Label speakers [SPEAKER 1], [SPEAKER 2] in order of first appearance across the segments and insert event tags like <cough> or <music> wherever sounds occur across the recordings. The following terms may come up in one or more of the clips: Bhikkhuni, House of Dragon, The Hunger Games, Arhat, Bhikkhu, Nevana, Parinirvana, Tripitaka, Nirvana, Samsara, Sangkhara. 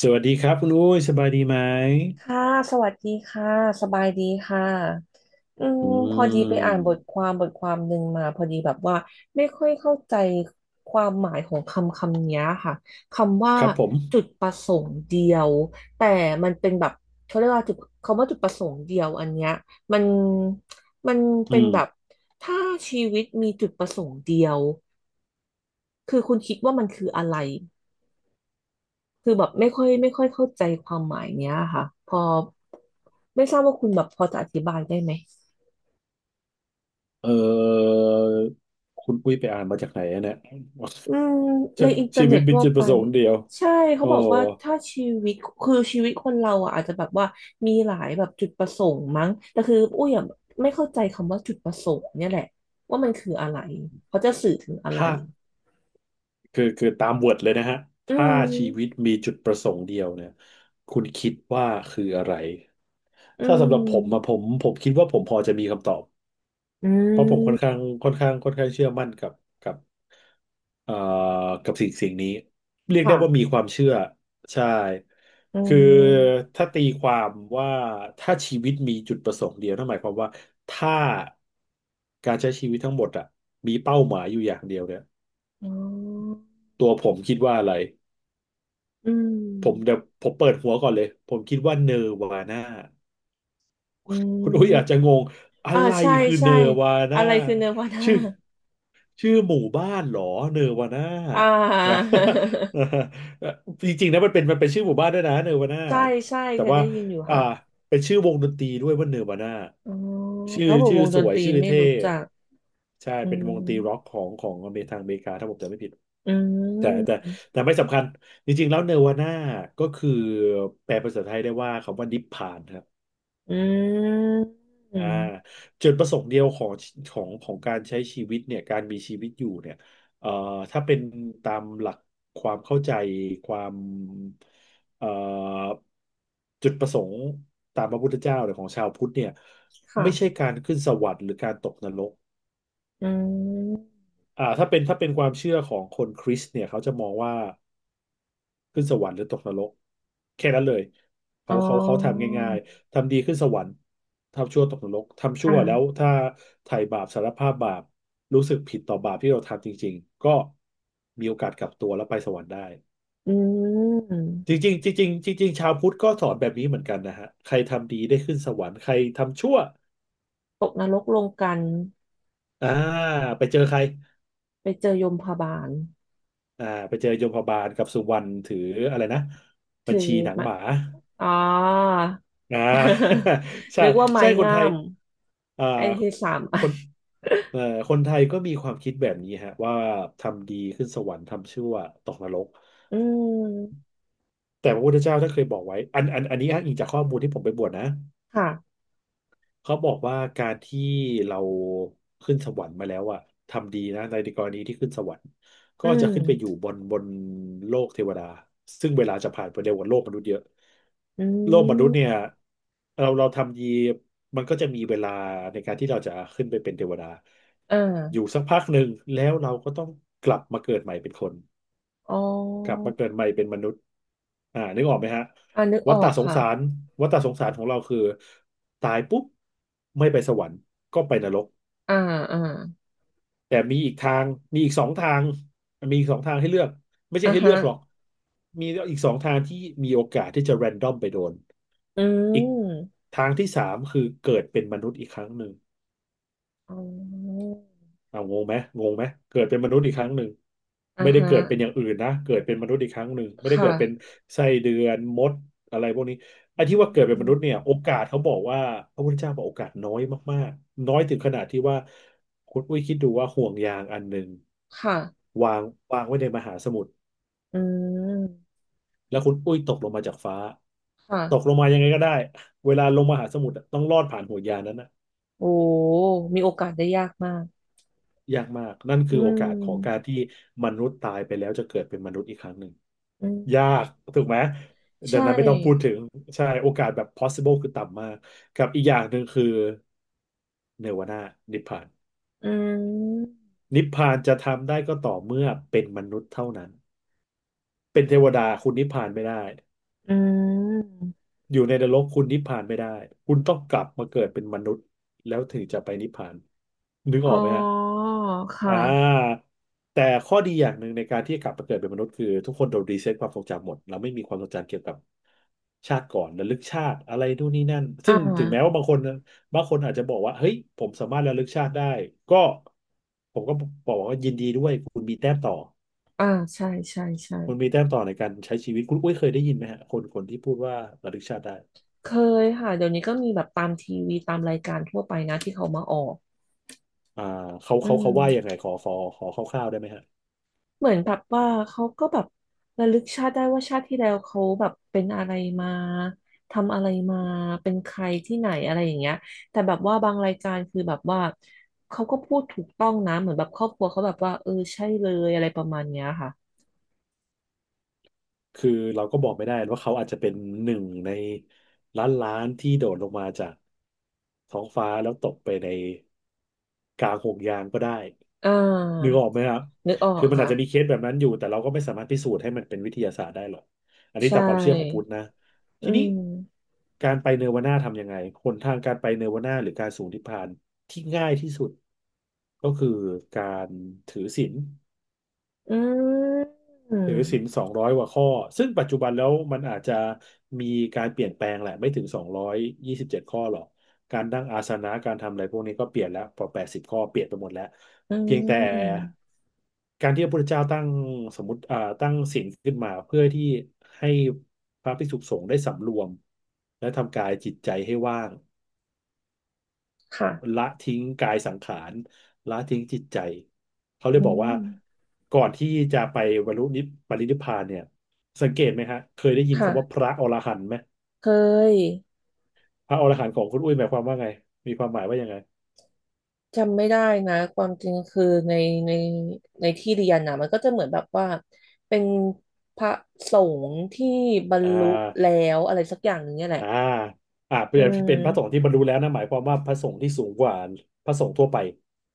[SPEAKER 1] สวัสดีครับคุณอุ้ยสบายดีไหม
[SPEAKER 2] ค่ะสวัสดีค่ะ สบายดีค่ะอืม
[SPEAKER 1] อื
[SPEAKER 2] พอดีไปอ่านบทค
[SPEAKER 1] ม
[SPEAKER 2] วามบทความหนึ่งมา พอดีแบบว่าไม่ค่อยเข้าใจความหมายของคำเนี้ยค่ะคำว่า
[SPEAKER 1] ครับผม
[SPEAKER 2] จุดประสงค์เดียวแต่มันเป็นแบบเขาเรียกว่าจุดคำว่าจุดประสงค์เดียวอันเนี้ยมันมัน
[SPEAKER 1] อื
[SPEAKER 2] เป็น
[SPEAKER 1] ม
[SPEAKER 2] แบบถ้าชีวิตมีจุดประสงค์เดียวคือคุณคิดว่ามันคืออะไร คือแบบไม่ค่อยเข้าใจความหมายเนี้ยค่ะพอไม่ทราบว่าคุณแบบพอจะอธิบายได้ไหม
[SPEAKER 1] เออคุณอุ้ยไปอ่านมาจากไหนอะเนี่ย
[SPEAKER 2] อืมในอินเท
[SPEAKER 1] <laughs>
[SPEAKER 2] อ
[SPEAKER 1] ชี
[SPEAKER 2] ร์เน็
[SPEAKER 1] วิต
[SPEAKER 2] ต
[SPEAKER 1] มี
[SPEAKER 2] ทั่ว
[SPEAKER 1] จุดป
[SPEAKER 2] ไป
[SPEAKER 1] ระสงค์เดียว
[SPEAKER 2] ใช่เขา
[SPEAKER 1] โอ้
[SPEAKER 2] บอกว่าถ้าชีวิตคือชีวิตคนเราอ่ะอาจจะแบบว่ามีหลายแบบจุดประสงค์มั้งแต่คืออุ้ยอะไม่เข้าใจคำว่าจุดประสงค์เนี่ยแหละว่ามันคืออะไรเขาจะสื่อถึงอะไร
[SPEAKER 1] ถ้าคือตามเวิร์ดเลยนะฮะ
[SPEAKER 2] อื
[SPEAKER 1] ถ้าชีวิต
[SPEAKER 2] ม
[SPEAKER 1] มีจุดประสงค์เดียวเนี่ยคุณคิดว่าคืออะไร
[SPEAKER 2] อื
[SPEAKER 1] ถ้าสำหรับผมอะผ
[SPEAKER 2] ม
[SPEAKER 1] มผมคิดว่าผมพอจะมีคำตอบ
[SPEAKER 2] อื
[SPEAKER 1] เพราะผมค่อนข้าง
[SPEAKER 2] ม
[SPEAKER 1] ค่อนข้างค่อนข้างเชื่อมั่นกับเอ่อกับสิ่งนี้เรียกได้
[SPEAKER 2] ค่ะ
[SPEAKER 1] ว่ามีความเชื่อใช่
[SPEAKER 2] อื
[SPEAKER 1] คือ
[SPEAKER 2] ม
[SPEAKER 1] ถ้าตีความว่าถ้าชีวิตมีจุดประสงค์เดียวนั่นหมายความว่าถ้าการใช้ชีวิตทั้งหมดอะมีเป้าหมายอยู่อย่างเดียวเนี่ย
[SPEAKER 2] อ๋อ
[SPEAKER 1] ตัวผมคิดว่าอะไร
[SPEAKER 2] อื
[SPEAKER 1] ผม
[SPEAKER 2] ม
[SPEAKER 1] เดี๋ยวผมเปิดหัวก่อนเลยผมคิดว่าเนวาน่า
[SPEAKER 2] อื
[SPEAKER 1] คุณอุ้ย
[SPEAKER 2] ม
[SPEAKER 1] อาจจะงงอะ
[SPEAKER 2] อ่า
[SPEAKER 1] ไร
[SPEAKER 2] ใช่
[SPEAKER 1] คือเน
[SPEAKER 2] ใช่
[SPEAKER 1] วา
[SPEAKER 2] อะ
[SPEAKER 1] น่า
[SPEAKER 2] ไรคือเนวาน่า
[SPEAKER 1] ชื่อ ชื่อหมู่บ้านเหรอเนอวาน่า
[SPEAKER 2] <laughs> อ่า
[SPEAKER 1] นะ
[SPEAKER 2] <laughs>
[SPEAKER 1] <laughs> จริงๆนะมันเป็นชื่อหมู่บ้านด้วยนะเนอวาน่า
[SPEAKER 2] ใช่ใช่
[SPEAKER 1] แต่
[SPEAKER 2] เคย
[SPEAKER 1] ว่า
[SPEAKER 2] ได้ยินอยู่
[SPEAKER 1] อ่า
[SPEAKER 2] ค่ะ
[SPEAKER 1] เป็นชื่อวงดนตรีด้วยว่าเนอวาน่า
[SPEAKER 2] อ๋อ
[SPEAKER 1] ชื่
[SPEAKER 2] แล้
[SPEAKER 1] อ
[SPEAKER 2] วผม
[SPEAKER 1] ชื่
[SPEAKER 2] ว
[SPEAKER 1] อ
[SPEAKER 2] ง
[SPEAKER 1] ส
[SPEAKER 2] ดน
[SPEAKER 1] ว
[SPEAKER 2] ต
[SPEAKER 1] ย
[SPEAKER 2] รี
[SPEAKER 1] ชื่อ
[SPEAKER 2] ไม่
[SPEAKER 1] เท่
[SPEAKER 2] รู้จัก
[SPEAKER 1] ใช่
[SPEAKER 2] อื
[SPEAKER 1] เป็นว
[SPEAKER 2] ม
[SPEAKER 1] งดนตรีร็อกของอเมริกาทางอเมริกาถ้าผมจำไม่ผิด
[SPEAKER 2] อื
[SPEAKER 1] แต่แต่
[SPEAKER 2] ม
[SPEAKER 1] แต่ไม่สำคัญจริงๆแล้วเนวาน่าก็คือแปลเป็นภาษาไทยได้ว่าคำว่านิพพาน
[SPEAKER 2] อืม
[SPEAKER 1] อ่าจุดประสงค์เดียวของของการใช้ชีวิตเนี่ยการมีชีวิตอยู่เนี่ยเอ่อถ้าเป็นตามหลักความเข้าใจความเอ่อจุดประสงค์ตามพระพุทธเจ้าหรือของชาวพุทธเนี่ย
[SPEAKER 2] ค่ะ
[SPEAKER 1] ไม่ใช่การขึ้นสวรรค์หรือการตกนรก
[SPEAKER 2] อืม
[SPEAKER 1] ถ้าเป็นความเชื่อของคนคริสต์เนี่ยเขาจะมองว่า ขึ้นสวรรค์หรือตกนรกแค่นั้นเลย
[SPEAKER 2] อ๋
[SPEAKER 1] เขา
[SPEAKER 2] อ
[SPEAKER 1] เขาเขาทำง่ายๆทำดีขึ้นสวรรค์ทำชั่วตกนรกทำ
[SPEAKER 2] อ
[SPEAKER 1] ชั่วแล้ว
[SPEAKER 2] ่า
[SPEAKER 1] ถ้าไถ่บาปสารภาพบาปรู้สึกผิดต่อบาปที่เราทำจริงๆก็มีโอกาสกลับตัวแล้วไปสวรรค์ได้
[SPEAKER 2] อื
[SPEAKER 1] จ
[SPEAKER 2] ม
[SPEAKER 1] ริงๆจริงๆจริงๆชาวพุทธก็สอนแบบนี้เหมือนกันนะฮะใครทำดีได้ขึ้นสวรรค์ใครทำชั่ว
[SPEAKER 2] ตกนรกลงกัน
[SPEAKER 1] อ่าไปเจอใคร
[SPEAKER 2] ไปเจอยมพบาล
[SPEAKER 1] ไปเจอโยมพบาลกับสุวรรณถืออะไรนะบั
[SPEAKER 2] ถือ
[SPEAKER 1] ญชีหนัง
[SPEAKER 2] ไม้
[SPEAKER 1] หมา
[SPEAKER 2] อ๋อ
[SPEAKER 1] อ่า <laughs>
[SPEAKER 2] <laughs>
[SPEAKER 1] ใช่
[SPEAKER 2] นึกว่าไม้
[SPEAKER 1] ใช่คน
[SPEAKER 2] งา
[SPEAKER 1] ไทย
[SPEAKER 2] ม
[SPEAKER 1] อ่า
[SPEAKER 2] ไอ้ที่สามอั
[SPEAKER 1] ค
[SPEAKER 2] น
[SPEAKER 1] นเอ่อคนไทยก็มีความคิดแบบนี้ฮะว่าทำดีขึ้นสวรรค์ทำชั่วตกนรก
[SPEAKER 2] อืม
[SPEAKER 1] แต่พระพุทธเจ้าท่านเคยบอกไว้อันนี้อ้างอิงจากข้อมูลที่ผมไปบวชนะ
[SPEAKER 2] ค่ะ
[SPEAKER 1] เขาบอกว่าการที่เราขึ้นสวรรค์มาแล้วอะทำดีนะในกรณีที่ขึ้นสวรรค์
[SPEAKER 2] อื
[SPEAKER 1] ก็จะ
[SPEAKER 2] ม
[SPEAKER 1] ขึ้นไปอยู่บนโลกเทวดาซึ่งเวลาจะผ่านไปเร็วกว่าโลกมนุษย์เยอะ
[SPEAKER 2] อื
[SPEAKER 1] โลกมนุ
[SPEAKER 2] ม
[SPEAKER 1] ษย์เนี่ยเราทำดีมันก็จะมีเวลาในการที่เราจะขึ้นไปเป็นเทวดา
[SPEAKER 2] อ่
[SPEAKER 1] อยู่
[SPEAKER 2] า
[SPEAKER 1] สักพักหนึ่งแล้วเราก็ต้องกลับมาเกิดใหม่เป็นคน
[SPEAKER 2] อ๋อ
[SPEAKER 1] กลับมาเกิดใหม่เป็นมนุษย์นึกออกไหมฮะ
[SPEAKER 2] อ่านึกอ
[SPEAKER 1] วัฏ
[SPEAKER 2] อ
[SPEAKER 1] ฏะ
[SPEAKER 2] ก
[SPEAKER 1] สง
[SPEAKER 2] ค่ะ
[SPEAKER 1] สาร วัฏฏะสงสารของเราคือตายปุ๊บไม่ไปสวรรค์ก็ไปนรก
[SPEAKER 2] อ่าอ่า
[SPEAKER 1] แต่มีอีกทางมีอีกสองทางมีอีกสองทางให้เลือกไม่ใช่
[SPEAKER 2] อ่า
[SPEAKER 1] ให้เลื
[SPEAKER 2] ฮะ
[SPEAKER 1] อกหรอกมีอีกสองทางที่มีโอกาสที่จะแรนดอมไปโดน
[SPEAKER 2] อื
[SPEAKER 1] อีก
[SPEAKER 2] ม
[SPEAKER 1] ทางที่สามคือเกิดเป็นมนุษย์อีกครั้งหนึ่ง
[SPEAKER 2] อ๋อ
[SPEAKER 1] งงไหมงงไหมเกิดเป็นมนุษย์อีกครั้งหนึ่ง
[SPEAKER 2] อ่า
[SPEAKER 1] ไม่ได้
[SPEAKER 2] ฮะ
[SPEAKER 1] เกิดเป็นอย่างอื่นนะเกิดเป็นมนุษย์อีกครั้งหนึ่งไม่ได้
[SPEAKER 2] ค่ะ
[SPEAKER 1] เกิดเป็นไส้เดือนมดอะไรพวกนี้ไอ้
[SPEAKER 2] อื
[SPEAKER 1] ที่ว่าเกิดเป็นมนุษย์
[SPEAKER 2] ม
[SPEAKER 1] เนี่ยโอกาสเขาบอกว่าพระพุทธเจ้าบอกโอกาสน้อยมากๆน้อยถึงขนาดที่ว่าคุณอุ้ยคิดดูว่าห่วงยางอันหนึ่ง
[SPEAKER 2] ค่ะ
[SPEAKER 1] วางวางไว้ในมหาสมุทร
[SPEAKER 2] อืม
[SPEAKER 1] แล้วคุณอุ้ยตกลงมาจากฟ้า
[SPEAKER 2] ค่ะ
[SPEAKER 1] ตกลงมายังไงก็ได้เวลาลงมหาสมุทรอะต้องลอดผ่านห่วงยางนั้นนะ
[SPEAKER 2] โอ้มีโอกาสได้ยากมาก
[SPEAKER 1] ยากมากนั่น
[SPEAKER 2] อื
[SPEAKER 1] คือโอกาสของกา
[SPEAKER 2] ม
[SPEAKER 1] รที่มนุษย์ตายไปแล้วจะเกิดเป็นมนุษย์อีกครั้งหนึ่ง
[SPEAKER 2] อืม
[SPEAKER 1] ยากถูกไหม
[SPEAKER 2] ใช
[SPEAKER 1] ดังนั้นไม่ต้องพูด
[SPEAKER 2] ่
[SPEAKER 1] ถึงใช่โอกาสแบบ possible คือต่ำมากกับอีกอย่างหนึ่งคือเนวนานิพพาน
[SPEAKER 2] อืม
[SPEAKER 1] นิพพานจะทำได้ก็ต่อเมื่อเป็นมนุษย์เท่านั้นเป็นเทวดาคุณนิพพานไม่ได้
[SPEAKER 2] อืม
[SPEAKER 1] อยู่ในนรกคุณนิพพานไม่ได้คุณต้องกลับมาเกิดเป็นมนุษย์แล้วถึงจะไปนิพพานนึก
[SPEAKER 2] อ๋
[SPEAKER 1] ออ
[SPEAKER 2] อ
[SPEAKER 1] กไหมฮะ
[SPEAKER 2] ค
[SPEAKER 1] อ่
[SPEAKER 2] ่ะ
[SPEAKER 1] าแต่ข้อดีอย่างหนึ่งในการที่กลับมาเกิดเป็นมนุษย์คือทุกคนโดนรีเซ็ตความทรงจำหมดเราไม่มีความทรงจำเกี่ยวกับชาติก่อนระลึกชาติอะไรนู่นนี่นั่น
[SPEAKER 2] อ่
[SPEAKER 1] ซึ่งถึงแม้
[SPEAKER 2] า
[SPEAKER 1] ว่าบางคนอาจจะบอกว่าเฮ้ยผมสามารถระลึกชาติได้ก็ผมก็บอกว่ายินดีด้วยคุณมีแต้มต่อ
[SPEAKER 2] อ่าใช่ใช่ใช่
[SPEAKER 1] คุณมีแต้มต่อในการใช้ชีวิตคุณอุ้ยเคยได้ยินไหมฮะคนคนที่พูดว่าระลึกชาติได้
[SPEAKER 2] เคยค่ะเดี๋ยวนี้ก็มีแบบตามทีวีตามรายการทั่วไปนะที่เขามาออก
[SPEAKER 1] อ่าเขา
[SPEAKER 2] อื
[SPEAKER 1] เขาเขาว่ายังไง
[SPEAKER 2] ม
[SPEAKER 1] ขอคร่าวๆได้ไหมฮะ
[SPEAKER 2] เหมือนแบบว่าเขาก็แบบระลึกชาติได้ว่าชาติที่แล้วเขาแบบเป็นอะไรมาทำอะไรมาเป็นใครที่ไหนอะไรอย่างเงี้ยแต่แบบว่าบางรายการคือแบบว่าเขาก็พูดถูกต้องนะเหมือนแบบครอบครัวเขาแบบว่าเออใช่เลยอะไรประมาณเนี้ยค่ะ
[SPEAKER 1] คือเราก็บอกไม่ได้ว่าเขาอาจจะเป็นหนึ่งในล้านล้านที่โดดลงมาจากท้องฟ้าแล้วตกไปในกลางห่วงยางก็ได้
[SPEAKER 2] อ่
[SPEAKER 1] นึก
[SPEAKER 2] า
[SPEAKER 1] ออกไหมครับ
[SPEAKER 2] นึกออ
[SPEAKER 1] คื
[SPEAKER 2] ก
[SPEAKER 1] อมันอา
[SPEAKER 2] ค่ะ
[SPEAKER 1] จจะมีเคสแบบนั้นอยู่แต่เราก็ไม่สามารถพิสูจน์ให้มันเป็นวิทยาศาสตร์ได้หรอกอันนี้
[SPEAKER 2] ใช่
[SPEAKER 1] ตามความเชื่อของพุทธนะ
[SPEAKER 2] อื
[SPEAKER 1] ทีนี้
[SPEAKER 2] ม
[SPEAKER 1] การไปเนรวนาทำยังไงหนทางการไปเนรวนาหรือการสู่นิพพานที่ง่ายที่สุดก็คือการถือศีล
[SPEAKER 2] อืม
[SPEAKER 1] ถือศีล200กว่าข้อซึ่งปัจจุบันแล้วมันอาจจะมีการเปลี่ยนแปลงแหละไม่ถึงสองร้อยยี่สิบเจ็ดข้อหรอกการนั่งอาสนะการทำอะไรพวกนี้ก็เปลี่ยนแล้วพอ80ข้อเปลี่ยนไปหมดแล้ว
[SPEAKER 2] อื
[SPEAKER 1] เพียงแต่
[SPEAKER 2] ม
[SPEAKER 1] การที่พระพุทธเจ้าตั้งสมมติตั้งศีลขึ้นมาเพื่อที่ให้พระภิกษุสงฆ์ได้สำรวมและทำกายจิตใจให้ว่าง
[SPEAKER 2] ค่ะ
[SPEAKER 1] ละทิ้งกายสังขารละทิ้งจิตใจเขาเล
[SPEAKER 2] อื
[SPEAKER 1] ยบอกว่า
[SPEAKER 2] ม
[SPEAKER 1] ก่อนที่จะไปบรรลุนิพปรินิพพานเนี่ยสังเกตไหมฮะเคยได้ยินคำว่าพ
[SPEAKER 2] ค่ะ
[SPEAKER 1] ระอรหันต์ไหม
[SPEAKER 2] เคย
[SPEAKER 1] พระอรหันต์ของคุณอุ้ยหมายความว่าไงมีความหมายว่ายังไง
[SPEAKER 2] จำไม่ได้นะความจริงคือในในในที่เรียนนะมันก็จะเหมือนแบบว่าเป็นพระสงฆ์ที่บรร
[SPEAKER 1] อ่
[SPEAKER 2] ลุแล้
[SPEAKER 1] า
[SPEAKER 2] วอะไรสักอย่างหนึงเนี่ยแหละ
[SPEAKER 1] อ่าอ่าเป็
[SPEAKER 2] อื
[SPEAKER 1] นเป็นพระสงฆ์
[SPEAKER 2] ม
[SPEAKER 1] ที่บรรลุแล้วนะหมายความว่าพระสงฆ์ที่สูงกว่าพระสงฆ์ทั่วไป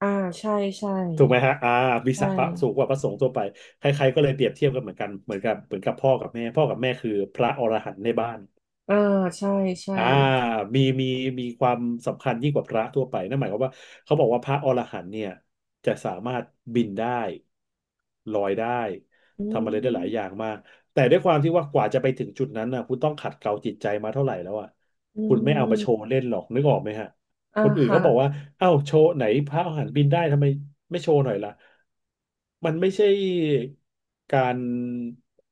[SPEAKER 2] อ่าใช่ใช่
[SPEAKER 1] ถูกไหมฮะวี
[SPEAKER 2] ใช่
[SPEAKER 1] ศักดิ์พระสูงกว่าพระสงฆ์ทั่วไปใครๆก็เลยเปรียบเทียบกันเหมือนกันเหมือนกับพ่อกับแม่พ่อกับแม่คือพระอรหันต์ในบ้าน
[SPEAKER 2] อ่าใช่ใช่
[SPEAKER 1] อ่ามีมีมีความสำคัญยิ่งกว่าพระทั่วไปนั่นหมายความว่าเขาบอกว่าพระอรหันต์เนี่ยจะสามารถบินได้ลอยได้
[SPEAKER 2] อื
[SPEAKER 1] ทำอะไรได้หลายอย่า
[SPEAKER 2] ม
[SPEAKER 1] งมากแต่ด้วยความที่ว่ากว่าจะไปถึงจุดนั้นนะคุณต้องขัดเกลาจิตใจมาเท่าไหร่แล้วอ่ะ
[SPEAKER 2] อื
[SPEAKER 1] คุณไม่เอามาโชว์
[SPEAKER 2] ม
[SPEAKER 1] เล่นหรอกนึกออกไหมฮะ
[SPEAKER 2] อ่า
[SPEAKER 1] คนอื่น
[SPEAKER 2] ค่ะ
[SPEAKER 1] เขาบอกว่าเอ้าโชว์ไหนพระอรหันต์บินได้ทำไมไม่โชว์หน่อยล่ะมันไม่ใช่การ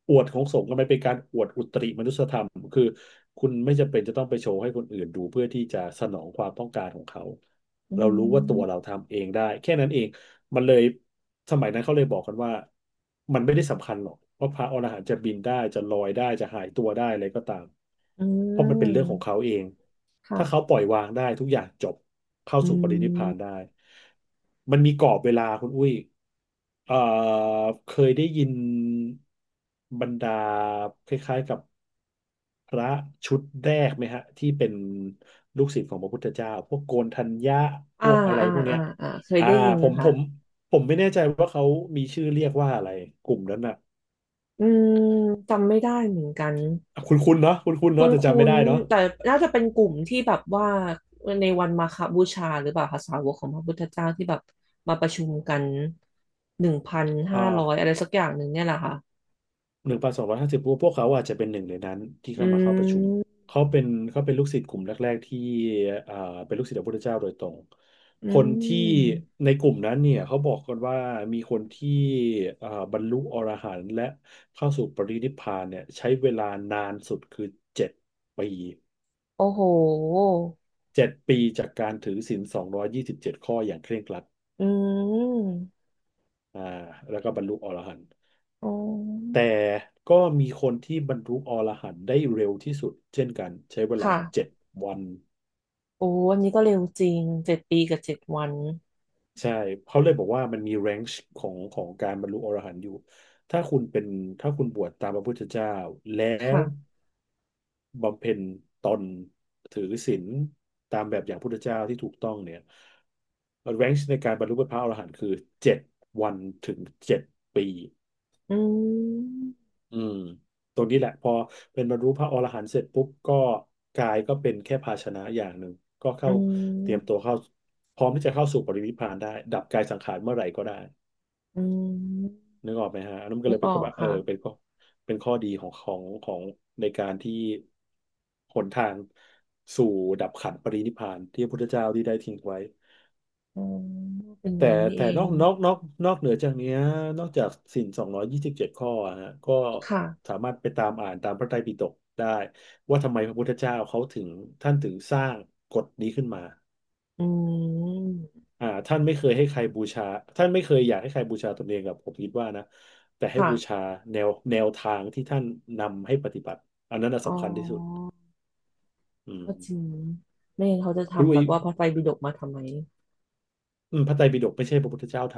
[SPEAKER 1] อวดของสงฆ์มันเป็นการอวดอุตริมนุสธรรมคือคุณไม่จำเป็นจะต้องไปโชว์ให้คนอื่นดูเพื่อที่จะสนองความต้องการของเขา
[SPEAKER 2] อื
[SPEAKER 1] เรารู้ว่าตัวเรา
[SPEAKER 2] ม
[SPEAKER 1] ทำเองได้แค่นั้นเอง มันเลยสมัยนั้นเขาเลยบอกกันว่ามันไม่ได้สำคัญหรอกว่าพระอรหันต์จะบินได้จะลอยได้จะหายตัวได้อะไรก็ตาม
[SPEAKER 2] อื
[SPEAKER 1] เพราะมันเป็นเรื่องของ
[SPEAKER 2] ม
[SPEAKER 1] เขาเองถ้าเขา
[SPEAKER 2] ค่ะ
[SPEAKER 1] ปล่อยวางได้ทุกอย่างจบเข้า
[SPEAKER 2] อื
[SPEAKER 1] สู่ปรินิพพานได้
[SPEAKER 2] ม
[SPEAKER 1] มันมีกรอบเวลาคุณอุ้ย เอ่อเคยได้ยินบรรดาคล้ายๆกับพระชุดแรกไหมฮะที่เป็นลูกศิษย์ของพระพุทธเจ้าพวกโกนทัญญะพ
[SPEAKER 2] อ่า
[SPEAKER 1] วกอะไร
[SPEAKER 2] อ่า
[SPEAKER 1] พวกเนี้
[SPEAKER 2] อ่า
[SPEAKER 1] ย
[SPEAKER 2] อ่าเคย
[SPEAKER 1] อ่า
[SPEAKER 2] ได้ยิน
[SPEAKER 1] ผมผ
[SPEAKER 2] ค่ะ
[SPEAKER 1] มผมไม่แน่ใจว่าเขามีชื่อเรียกว่าอะไรกลุ่มนั้นน่ะ
[SPEAKER 2] อืมจำไม่ได้เหมือนกัน
[SPEAKER 1] คุณคุณเนาะคุณคุณ
[SPEAKER 2] คุ้
[SPEAKER 1] เนาะ
[SPEAKER 2] น
[SPEAKER 1] แต่
[SPEAKER 2] คุ้
[SPEAKER 1] จำไม่
[SPEAKER 2] น
[SPEAKER 1] ได้เนาะ
[SPEAKER 2] แต่น่าจะเป็นกลุ่มที่แบบว่าในวันมาฆบูชาหรือเปล่าคะสาวกของพระพุทธเจ้าที่แบบมาประชุมกันหนึ่งพัน
[SPEAKER 1] อ่
[SPEAKER 2] ห้า
[SPEAKER 1] า
[SPEAKER 2] ร้อยอะไรสักอย่างหนึ่งเนี่ยแหละค่ะ
[SPEAKER 1] 1,250พวกเขาอาจจะเป็นหนึ่งในนั้นที่
[SPEAKER 2] อื
[SPEAKER 1] เข้ามาเข้าประชุม
[SPEAKER 2] ม
[SPEAKER 1] เขาเป็นเขาเป็นลูกศิษย์กลุ่มแรกๆที่อ่าเป็นลูกศิษย์พระพุทธเจ้าโดยตรง
[SPEAKER 2] อื
[SPEAKER 1] คนที่
[SPEAKER 2] ม
[SPEAKER 1] ในกลุ่มนั้นเนี่ยเขาบอกกันว่ามีคนที่บรรลุอรหันต์และเข้าสู่ปรินิพพานเนี่ยใช้เวลานานสุดคือเจ็ดปี
[SPEAKER 2] โอ้โห
[SPEAKER 1] เจ็ดปีจากการถือศีลสองร้อยยี่สิบเจ็ดข้ออย่างเคร่งครัด
[SPEAKER 2] อืม
[SPEAKER 1] อ่าแล้วก็บรรลุอรหันต์
[SPEAKER 2] อ๋อ
[SPEAKER 1] แต่ก็มีคนที่บรรลุอรหันต์ได้เร็วที่สุดเช่นกันใช้เวลา
[SPEAKER 2] ค่ะ
[SPEAKER 1] เจ็ดวัน
[SPEAKER 2] โอ้อันนี้ก็เร็วจริง7 ปีกับ 7 วัน
[SPEAKER 1] ใช่เขาเลยบอกว่ามันมีแรงค์ของของการบรรลุอรหันต์อยู่ถ้าคุณเป็นถ้าคุณบวชตามพระพุทธเจ้าแล้ว
[SPEAKER 2] ค่ะ
[SPEAKER 1] บำเพ็ญตนถือศีลตามแบบอย่างพุทธเจ้าที่ถูกต้องเนี่ยแรงค์ในการบรรลุเป็นพระอรหันต์คือเจ็ดวันถึงเจ็ดปี
[SPEAKER 2] อืม
[SPEAKER 1] อืมตรงนี้แหละพอเป็นบรรลุพระอรหันต์เสร็จปุ๊บก็กายก็เป็นแค่ภาชนะอย่างหนึ่งก็
[SPEAKER 2] อื
[SPEAKER 1] เข้าเตรียมตัว
[SPEAKER 2] ม
[SPEAKER 1] เข้าพร้อมที่จะเข้าสู่ปรินิพพานได้ดับกายสังขารเมื่อไหร่ก็ได้
[SPEAKER 2] อืม
[SPEAKER 1] นึกออกไหมฮะอันนั้นมันก็
[SPEAKER 2] นึ
[SPEAKER 1] เล
[SPEAKER 2] ก
[SPEAKER 1] ย
[SPEAKER 2] อ
[SPEAKER 1] เป็น
[SPEAKER 2] อ
[SPEAKER 1] ข้อ
[SPEAKER 2] ก
[SPEAKER 1] ว่า
[SPEAKER 2] ค่ะ
[SPEAKER 1] เป็นข้อดีของในการที่หนทางสู่ดับขันธ์ปรินิพพานที่พระพุทธเจ้าที่ได้ทิ้งไว้
[SPEAKER 2] อ๋อเป็นอย่าง
[SPEAKER 1] แต่
[SPEAKER 2] นี้นี่
[SPEAKER 1] แต่
[SPEAKER 2] เอง
[SPEAKER 1] นอกเหนือจากเนี้ยนอกจากศีล227ข้ออะฮะก็
[SPEAKER 2] ค่ะ
[SPEAKER 1] สามารถไปตามอ่านตามพระไตรปิฎกได้ว่าทำไมพระพุทธเจ้าเขาถึงท่านถึงสร้างกฎนี้ขึ้นมา
[SPEAKER 2] อืม
[SPEAKER 1] ท่านไม่เคยให้ใครบูชาท่านไม่เคยอยากให้ใครบูชาตนเองกับผมคิดว่านะแต่ให้
[SPEAKER 2] ค่ะ
[SPEAKER 1] บูชาแนวแนวทางที่ท่านนำให้ปฏิบัติอันนั้นน่ะ
[SPEAKER 2] อ๋อ
[SPEAKER 1] สำคัญที่สุดอืม
[SPEAKER 2] ก็จริง ไม่งั้นเขาจะ
[SPEAKER 1] คุณ
[SPEAKER 2] ทำ
[SPEAKER 1] อุ้
[SPEAKER 2] แบ
[SPEAKER 1] ย
[SPEAKER 2] บว่าพระไตรปิฎกมาทำไม
[SPEAKER 1] พระไตรปิฎกไม่ใช่พระพุทธเจ้าท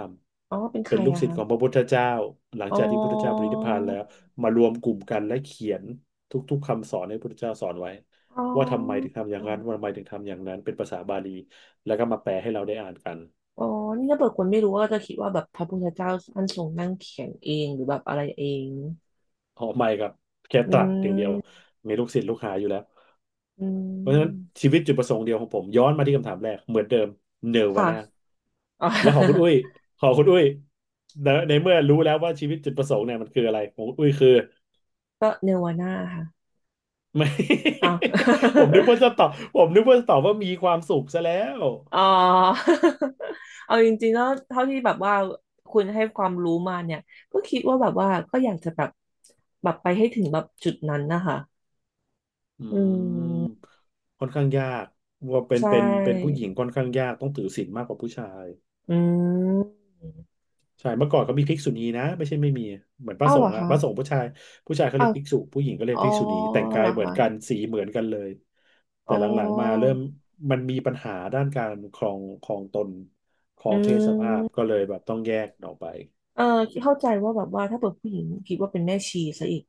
[SPEAKER 2] อ๋อ เป็น
[SPEAKER 1] ำ
[SPEAKER 2] ใค
[SPEAKER 1] เป็น
[SPEAKER 2] ร
[SPEAKER 1] ลูก
[SPEAKER 2] อะ
[SPEAKER 1] ศิษ
[SPEAKER 2] คะ
[SPEAKER 1] ย์ของพระพุทธเจ้าหลัง
[SPEAKER 2] อ๋อ
[SPEAKER 1] จากที่พุทธเจ้าปรินิพพานแล้วมารวมกลุ่มกันและเขียนทุกๆคำสอนให้พุทธเจ้าสอนไว้
[SPEAKER 2] อ๋อ
[SPEAKER 1] ว่าทำไมถึงทำอย่างนั้นว่าทำไมถึงทำอย่างนั้นเป็นภาษาบาลีแล้วก็มาแปลให้เราได้อ่านกัน
[SPEAKER 2] อ๋อ นี่ถ้าเปิดคนไม่รู้ก็จะคิดว่าแบบพระพุทธเจ้าท่านทรงนั่งเขียนเองหรือแบบอะไรเอง
[SPEAKER 1] อ๋อไม่ครับแค่
[SPEAKER 2] อื
[SPEAKER 1] ตรัสอย่างเดียว
[SPEAKER 2] ม
[SPEAKER 1] มีลูกศิษย์ลูกหาอยู่แล้ว
[SPEAKER 2] อื
[SPEAKER 1] เพราะฉะนั้น
[SPEAKER 2] ม
[SPEAKER 1] ชีวิตจุดประสงค์เดียวของผมย้อนมาที่คำถามแรกเหมือนเดิมเนวา
[SPEAKER 2] ค่ะ
[SPEAKER 1] น่า
[SPEAKER 2] อ๋อ
[SPEAKER 1] แล้วของคุณอุ้ย
[SPEAKER 2] <laughs>
[SPEAKER 1] ของคุณอุ้ยในเมื่อรู้แล้วว่าชีวิตจุดประสงค์เนี่ยมันคืออะไรของคุณอุ้ยคือ
[SPEAKER 2] ก็เนวาน่าค่ะ
[SPEAKER 1] ไม่
[SPEAKER 2] อ้าว
[SPEAKER 1] <laughs>
[SPEAKER 2] <laughs>
[SPEAKER 1] ผมนึกว่าจะตอบว่ามีความสุขซะแล้ว
[SPEAKER 2] อ๋อ <laughs> เอาจริงๆแล้วเท่าที่แบบว่าคุณให้ความรู้มาเนี่ยก็คิดว่าแบบว่าก็อยากจะแบบแบบไปให้ถึงแบบจุดนั้นนะคะ
[SPEAKER 1] อื
[SPEAKER 2] อื
[SPEAKER 1] ม
[SPEAKER 2] ม
[SPEAKER 1] ค่อนข้างยากว่าเป็น
[SPEAKER 2] ใช
[SPEAKER 1] เป็นเป็นผู้ห
[SPEAKER 2] ่
[SPEAKER 1] ญิงค่อนข้างยากต้องถือศีลมากกว่าผู้ชาย
[SPEAKER 2] อืม
[SPEAKER 1] ใช่เมื่อก่อนเขามีภิกษุณีนะไม่ใช่ไม่มี เหมือน
[SPEAKER 2] อ้าวเหรอคะ
[SPEAKER 1] พระสงฆ์ผู้ชายเขา
[SPEAKER 2] อ้า
[SPEAKER 1] เรีย
[SPEAKER 2] ว
[SPEAKER 1] กภิกษุผู้หญิงก็เรีย
[SPEAKER 2] อ๋
[SPEAKER 1] ก
[SPEAKER 2] อ
[SPEAKER 1] ภิกษุณีแต่ง
[SPEAKER 2] เห
[SPEAKER 1] กา
[SPEAKER 2] ร
[SPEAKER 1] ย
[SPEAKER 2] อ
[SPEAKER 1] เหมือน
[SPEAKER 2] คะ
[SPEAKER 1] กันสีเหมือนกันเลย
[SPEAKER 2] อ๋
[SPEAKER 1] แต่
[SPEAKER 2] อ
[SPEAKER 1] หลังๆมาเริ่มมันมีปัญหาด้านการครองตนครอ
[SPEAKER 2] อื
[SPEAKER 1] งเพศสภาพ
[SPEAKER 2] ม
[SPEAKER 1] ก็เลยแบบต้องแยกออกไป
[SPEAKER 2] เออเข้าใจว่าแบบว่าถ้าเปิดผู้หญิงคิดว่าเป็นแม่ชีซะอีก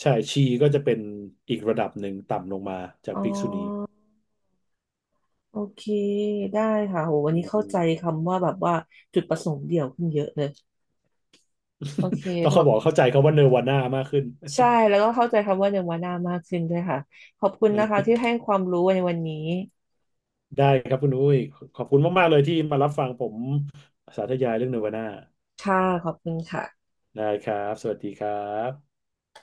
[SPEAKER 1] ใช่ ชีก็จะเป็นอีกระดับหนึ่งต่ำลงมาจาก
[SPEAKER 2] อ๋อ
[SPEAKER 1] ภิกษุณี
[SPEAKER 2] โอเคได้ค่ะโหวัน
[SPEAKER 1] อื
[SPEAKER 2] นี้เข้า
[SPEAKER 1] ม
[SPEAKER 2] ใจคำว่าแบบว่าจุดประสงค์เดี่ยวขึ้นเยอะเลยโอเค
[SPEAKER 1] <laughs> ต้อง
[SPEAKER 2] ขอ
[SPEAKER 1] เขาบอก
[SPEAKER 2] บ
[SPEAKER 1] เข้าใจเขาว่าเนรวาน่ามากขึ้น
[SPEAKER 2] ใช่แล้วก็เข้าใจคำว่าเนวานามากขึ้นด้วยค่ะขอบคุณนะคะ
[SPEAKER 1] <laughs>
[SPEAKER 2] ที่ให้ความรู้ในวันนี้
[SPEAKER 1] ได้ครับคุณอุ้ย ขอบคุณมากๆเลยที่มารับฟังผมสาธยายเรื่องเนรวาน่า
[SPEAKER 2] ค่ะขอบคุณค่ะ
[SPEAKER 1] ได้ครับ สวัสดีครับ